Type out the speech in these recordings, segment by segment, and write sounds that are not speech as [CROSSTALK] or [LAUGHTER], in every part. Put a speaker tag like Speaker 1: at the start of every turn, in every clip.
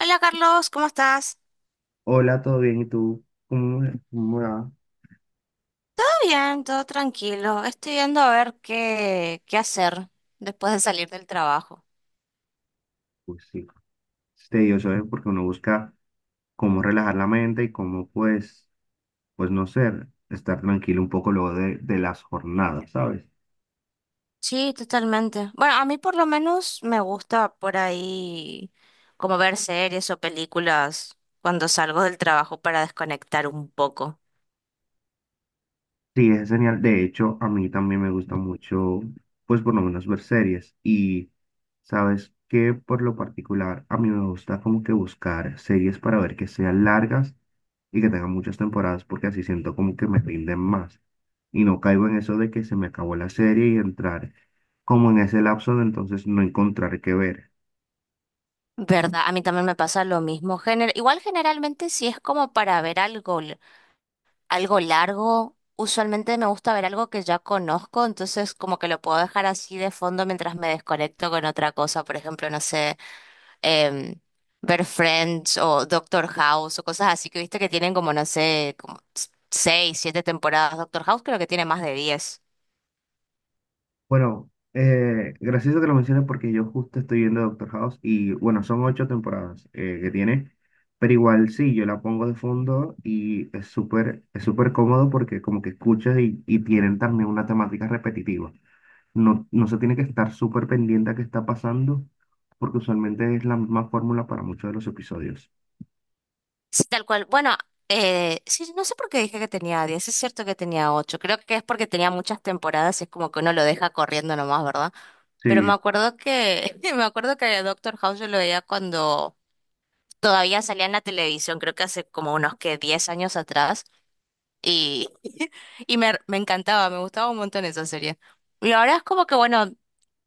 Speaker 1: Hola Carlos, ¿cómo estás?
Speaker 2: Hola, ¿todo bien? ¿Y tú? ¿Cómo va?
Speaker 1: Todo bien, todo tranquilo. Estoy viendo a ver qué hacer después de salir del trabajo.
Speaker 2: Pues sí, es tedioso, ¿eh? Porque uno busca cómo relajar la mente y cómo, pues no ser, estar tranquilo un poco luego de las jornadas, ¿sabes?
Speaker 1: Sí, totalmente. Bueno, a mí por lo menos me gusta por ahí como ver series o películas cuando salgo del trabajo para desconectar un poco.
Speaker 2: Sí, es genial. De hecho, a mí también me gusta mucho, pues por lo menos ver series. Y sabes que por lo particular, a mí me gusta como que buscar series para ver que sean largas y que tengan muchas temporadas, porque así siento como que me rinden más. Y no caigo en eso de que se me acabó la serie y entrar como en ese lapso de entonces no encontrar qué ver.
Speaker 1: ¿Verdad? A mí también me pasa lo mismo. Igual generalmente si es como para ver algo largo. Usualmente me gusta ver algo que ya conozco, entonces como que lo puedo dejar así de fondo mientras me desconecto con otra cosa. Por ejemplo, no sé, em, ver Friends o Doctor House o cosas así que viste que tienen como, no sé, como seis, siete temporadas. Doctor House creo que tiene más de 10.
Speaker 2: Bueno, gracioso que lo menciones porque yo justo estoy viendo Doctor House y bueno, son ocho temporadas que tiene, pero igual sí, yo la pongo de fondo y es súper cómodo porque como que escuchas y tienen también una temática repetitiva. No, no se tiene que estar súper pendiente a qué está pasando porque usualmente es la misma fórmula para muchos de los episodios.
Speaker 1: Sí, tal cual. Bueno, sí, no sé por qué dije que tenía 10. Es cierto que tenía ocho. Creo que es porque tenía muchas temporadas y es como que uno lo deja corriendo nomás, ¿verdad? Pero
Speaker 2: Sí,
Speaker 1: me acuerdo que, [LAUGHS] me acuerdo que Doctor House yo lo veía cuando todavía salía en la televisión, creo que hace como unos que 10 años atrás, y, [LAUGHS] y me encantaba, me gustaba un montón esa serie. Y ahora es como que, bueno,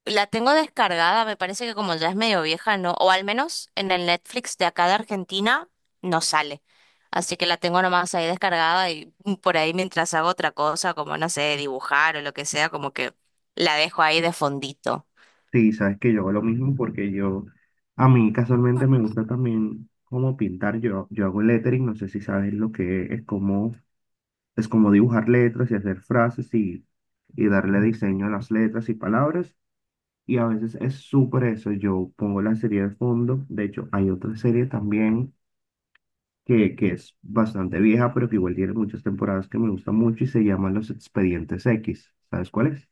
Speaker 1: la tengo descargada, me parece que como ya es medio vieja, ¿no? O al menos en el Netflix de acá de Argentina no sale. Así que la tengo nomás ahí descargada y por ahí mientras hago otra cosa, como no sé, dibujar o lo que sea, como que la dejo ahí de fondito.
Speaker 2: sí, sabes que yo hago lo mismo porque a mí casualmente me gusta también como pintar. Yo hago lettering, no sé si sabes lo que es como dibujar letras y hacer frases y darle diseño a las letras y palabras. Y a veces es súper eso. Yo pongo la serie de fondo. De hecho, hay otra serie también que es bastante vieja, pero que igual tiene muchas temporadas que me gusta mucho y se llama Los Expedientes X. ¿Sabes cuál es?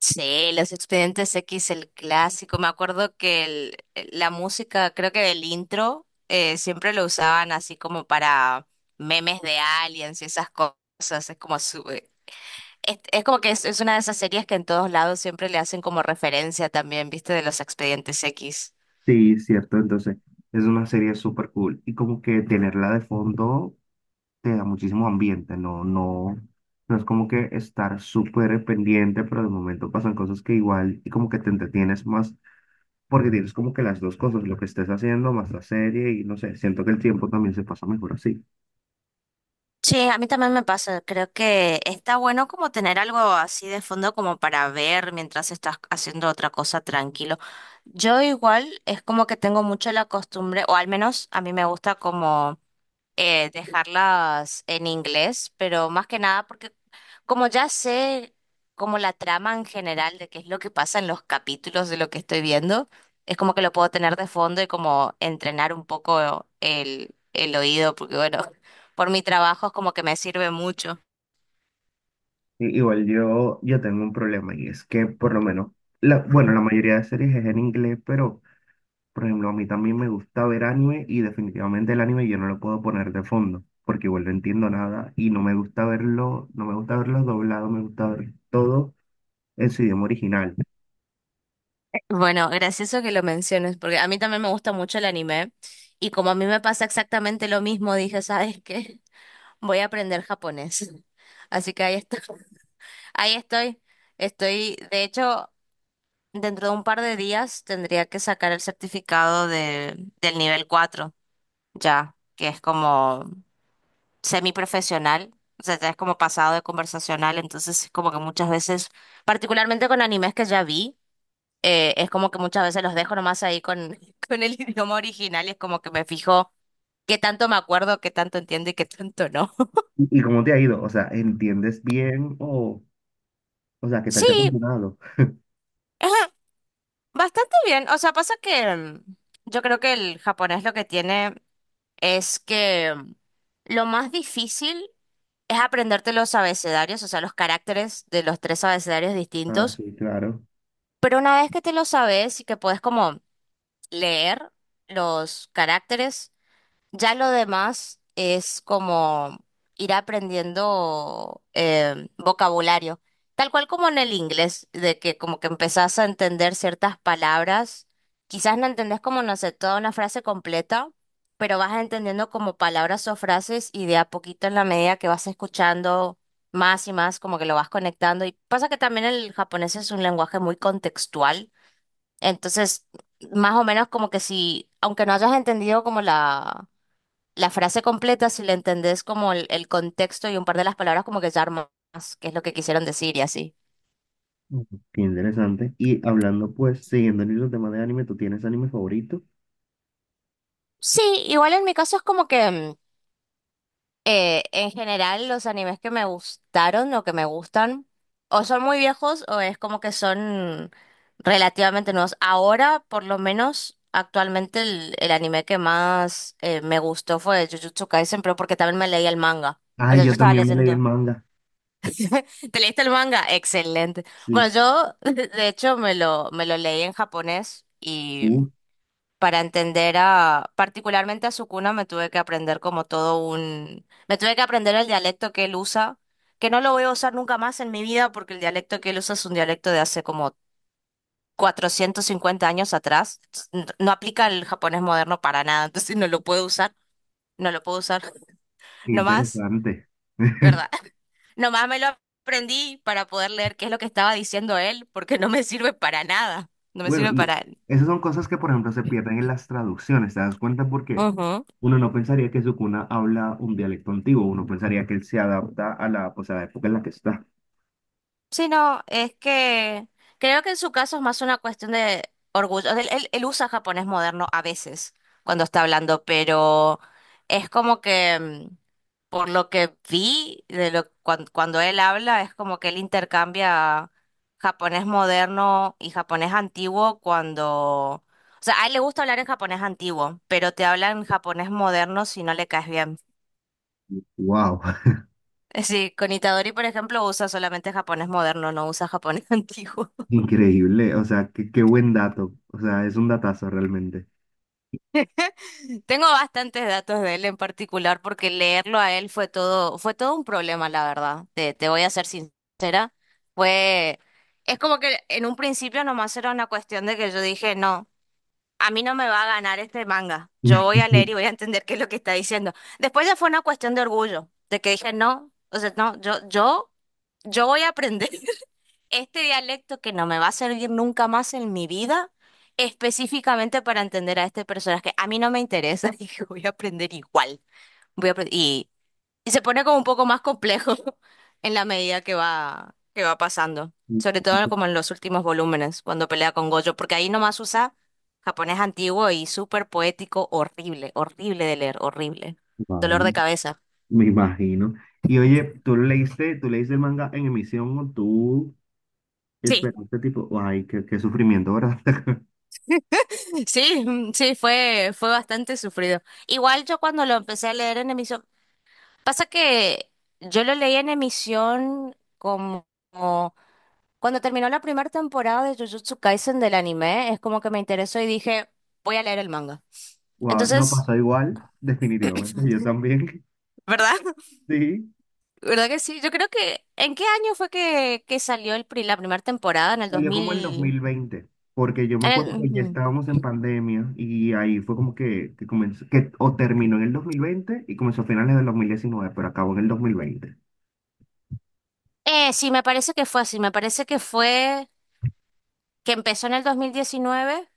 Speaker 1: Sí, los Expedientes X, el clásico. Me acuerdo que la música, creo que del intro, siempre lo usaban así como para memes de aliens y esas cosas. Es como es como que es una de esas series que en todos lados siempre le hacen como referencia también, ¿viste? De los Expedientes X.
Speaker 2: Sí, cierto. Entonces, es una serie súper cool. Y como que tenerla de fondo te da muchísimo ambiente, no, no, no es como que estar súper pendiente, pero de momento pasan cosas que igual y como que te entretienes más, porque tienes como que las dos cosas, lo que estés haciendo más la serie y no sé, siento que el tiempo también se pasa mejor así.
Speaker 1: Sí, a mí también me pasa. Creo que está bueno como tener algo así de fondo como para ver mientras estás haciendo otra cosa tranquilo. Yo igual es como que tengo mucho la costumbre, o al menos a mí me gusta como dejarlas en inglés, pero más que nada porque como ya sé como la trama en general de qué es lo que pasa en los capítulos de lo que estoy viendo, es como que lo puedo tener de fondo y como entrenar un poco el oído, porque bueno, [LAUGHS] por mi trabajo es como que me sirve mucho.
Speaker 2: Igual yo tengo un problema y es que por lo menos, la, bueno, la mayoría de series es en inglés, pero... Por ejemplo, a mí también me gusta ver anime y definitivamente el anime yo no lo puedo poner de fondo porque igual no entiendo nada y no me gusta verlo, no me gusta verlo doblado, me gusta ver todo en su idioma original.
Speaker 1: Bueno, gracioso que lo menciones, porque a mí también me gusta mucho el anime y como a mí me pasa exactamente lo mismo, dije, ¿sabes qué? Voy a aprender japonés. [LAUGHS] Así que ahí estoy. [LAUGHS] Ahí estoy. Estoy, de hecho, dentro de un par de días tendría que sacar el certificado del nivel 4 ya, que es como semiprofesional. O sea, ya es como pasado de conversacional. Entonces, es como que muchas veces, particularmente con animes que ya vi, es como que muchas veces los dejo nomás ahí con, [LAUGHS] con el idioma original y es como que me fijo qué tanto me acuerdo, qué tanto entiendo y qué tanto no.
Speaker 2: ¿Y cómo te ha ido? O sea, ¿entiendes bien o sea, qué, tal
Speaker 1: [LAUGHS]
Speaker 2: te ha
Speaker 1: Sí.
Speaker 2: funcionado?
Speaker 1: [LAUGHS] Bastante bien, o sea, pasa que yo creo que el japonés lo que tiene es que lo más difícil es aprenderte los abecedarios, o sea, los caracteres de los tres abecedarios
Speaker 2: Ah,
Speaker 1: distintos,
Speaker 2: sí, claro.
Speaker 1: pero una vez que te lo sabes y que puedes como leer los caracteres, ya lo demás es como ir aprendiendo vocabulario, tal cual como en el inglés, de que como que empezás a entender ciertas palabras, quizás no entendés como, no sé, toda una frase completa, pero vas entendiendo como palabras o frases y de a poquito en la medida que vas escuchando más y más, como que lo vas conectando. Y pasa que también el japonés es un lenguaje muy contextual, entonces más o menos como que si, aunque no hayas entendido como la frase completa, si la entendés como el contexto y un par de las palabras, como que ya armas qué es lo que quisieron decir y así.
Speaker 2: Ujú. Qué interesante. Y hablando pues, siguiendo el mismo tema de anime, ¿tú tienes anime favorito?
Speaker 1: Sí, igual en mi caso es como que en general los animes que me gustaron o que me gustan o son muy viejos o es como que son relativamente nuevos. Ahora, por lo menos, actualmente el anime que más me gustó fue Jujutsu Kaisen, pero porque también me leí el manga. O
Speaker 2: Ay,
Speaker 1: sea, yo
Speaker 2: yo
Speaker 1: estaba
Speaker 2: también me leí el
Speaker 1: leyendo.
Speaker 2: manga.
Speaker 1: ¿Te leíste el manga? Excelente. Bueno,
Speaker 2: Sí.
Speaker 1: yo [LAUGHS] de hecho me lo leí en japonés
Speaker 2: Uh,
Speaker 1: y para entender particularmente a Sukuna me tuve que aprender como me tuve que aprender el dialecto que él usa, que no lo voy a usar nunca más en mi vida porque el dialecto que él usa es un dialecto de hace como 450 años atrás. No aplica el japonés moderno para nada, [LAUGHS] entonces no lo puedo usar, no lo puedo usar [LAUGHS]
Speaker 2: qué
Speaker 1: nomás,
Speaker 2: interesante. [LAUGHS]
Speaker 1: ¿verdad? Nomás me lo aprendí para poder leer qué es lo que estaba diciendo él, porque no me sirve para nada. No me
Speaker 2: Bueno,
Speaker 1: sirve
Speaker 2: y
Speaker 1: para...
Speaker 2: esas son cosas que, por ejemplo, se pierden en las traducciones, ¿te das cuenta? Porque
Speaker 1: Ujú.
Speaker 2: uno no pensaría que Sukuna habla un dialecto antiguo, uno pensaría que él se adapta a la, pues, a la época en la que está.
Speaker 1: Sí, no, es que creo que en su caso es más una cuestión de orgullo. Él usa japonés moderno a veces cuando está hablando, pero es como que por lo que vi de cuando él habla, es como que él intercambia japonés moderno y japonés antiguo cuando, o sea, a él le gusta hablar en japonés antiguo, pero te habla en japonés moderno si no le caes bien. [LAUGHS]
Speaker 2: ¡Wow! [LAUGHS]
Speaker 1: Sí, con Itadori, por ejemplo, usa solamente japonés moderno, no usa japonés [LAUGHS] antiguo.
Speaker 2: Increíble, o sea, qué buen dato, o sea, es un datazo realmente.
Speaker 1: [LAUGHS] Tengo bastantes datos de él en particular porque leerlo a él fue todo un problema, la verdad. Te voy a ser sincera. Fue, es como que en un principio nomás era una cuestión de que yo dije, no, a mí no me va a ganar este manga. Yo voy a
Speaker 2: [LAUGHS]
Speaker 1: leer y voy a entender qué es lo que está diciendo. Después ya fue una cuestión de orgullo, de que dije, no, o sea, no, yo voy a aprender este dialecto que no me va a servir nunca más en mi vida, específicamente para entender a este personaje. A mí no me interesa, [LAUGHS] dije, voy a aprender igual. Voy a apre- y se pone como un poco más complejo [LAUGHS] en la medida que que va pasando. Sobre todo como en los últimos volúmenes, cuando pelea con Gojo, porque ahí nomás usa japonés antiguo y súper poético, horrible, horrible de leer, horrible.
Speaker 2: Wow,
Speaker 1: Dolor de cabeza.
Speaker 2: me imagino. Y oye, ¿tú leíste el manga en emisión o tú
Speaker 1: Sí,
Speaker 2: esperaste tipo, ay, qué sufrimiento, ¿verdad? [LAUGHS]
Speaker 1: [LAUGHS] sí, sí, fue, fue bastante sufrido. Igual yo cuando lo empecé a leer en emisión. Pasa que yo lo leí en emisión como cuando terminó la primera temporada de Jujutsu Kaisen del anime, es como que me interesó y dije, voy a leer el manga.
Speaker 2: Wow, no
Speaker 1: Entonces,
Speaker 2: pasó igual, definitivamente, yo también,
Speaker 1: ¿verdad? [LAUGHS]
Speaker 2: [LAUGHS] sí.
Speaker 1: ¿Verdad que sí? Yo creo que, ¿en qué año fue que salió la primera temporada? En el
Speaker 2: Salió como en dos
Speaker 1: 2000...
Speaker 2: mil veinte porque yo me acuerdo que ya
Speaker 1: ujú.
Speaker 2: estábamos en pandemia y ahí fue como que comenzó, que o terminó en el 2020 y comenzó a finales del 2019 pero acabó en el 2020.
Speaker 1: Sí, me parece que fue así, me parece que fue que empezó en el 2019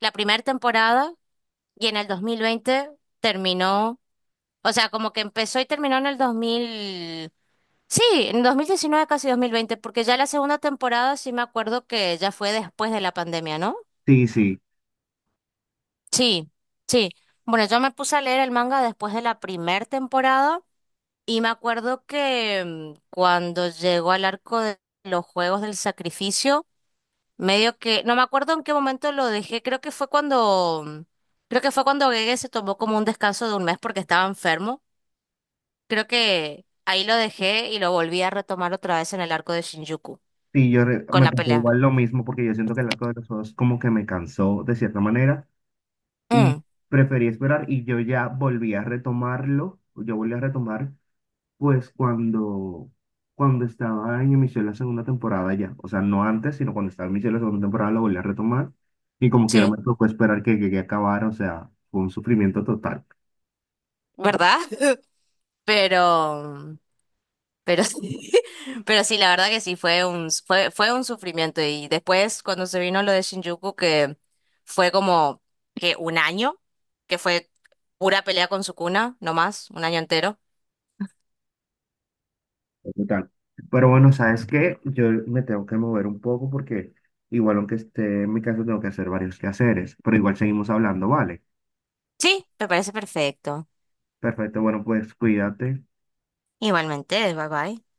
Speaker 1: la primera temporada, y en el 2020 terminó. O sea, como que empezó y terminó en el 2000. Sí, en 2019 casi 2020, porque ya la segunda temporada sí me acuerdo que ya fue después de la pandemia, ¿no?
Speaker 2: Sí, sí,
Speaker 1: Sí, sí. Bueno, yo me puse a leer el manga después de la primera temporada y me acuerdo que cuando llegó al arco de los Juegos del Sacrificio, medio que, no me acuerdo en qué momento lo dejé, creo que fue cuando, creo que fue cuando Gege se tomó como un descanso de un mes porque estaba enfermo. Creo que ahí lo dejé y lo volví a retomar otra vez en el arco de Shinjuku,
Speaker 2: sí,
Speaker 1: con
Speaker 2: me
Speaker 1: la
Speaker 2: pasó
Speaker 1: pelea.
Speaker 2: igual lo mismo porque yo siento que el arco de los Osos como que me cansó de cierta manera y
Speaker 1: Mm,
Speaker 2: preferí esperar y yo ya volví a retomarlo, yo volví a retomar. Pues cuando estaba en emisión la segunda temporada ya, o sea, no antes, sino cuando estaba en emisión la segunda temporada la volví a retomar y como quiera me
Speaker 1: sí,
Speaker 2: tocó esperar que llegue a acabar, o sea, fue un sufrimiento total,
Speaker 1: ¿verdad? [LAUGHS] Pero, pero sí, [LAUGHS] pero sí, la verdad que sí, fue un, fue un sufrimiento. Y después, cuando se vino lo de Shinjuku, que fue como que un año, que fue pura pelea con Sukuna, no más, un año entero.
Speaker 2: total. Pero bueno, ¿sabes qué? Yo me tengo que mover un poco porque igual aunque esté en mi casa tengo que hacer varios quehaceres, pero igual seguimos hablando, ¿vale?
Speaker 1: Sí, me parece perfecto.
Speaker 2: Perfecto, bueno, pues cuídate.
Speaker 1: Igualmente, bye bye.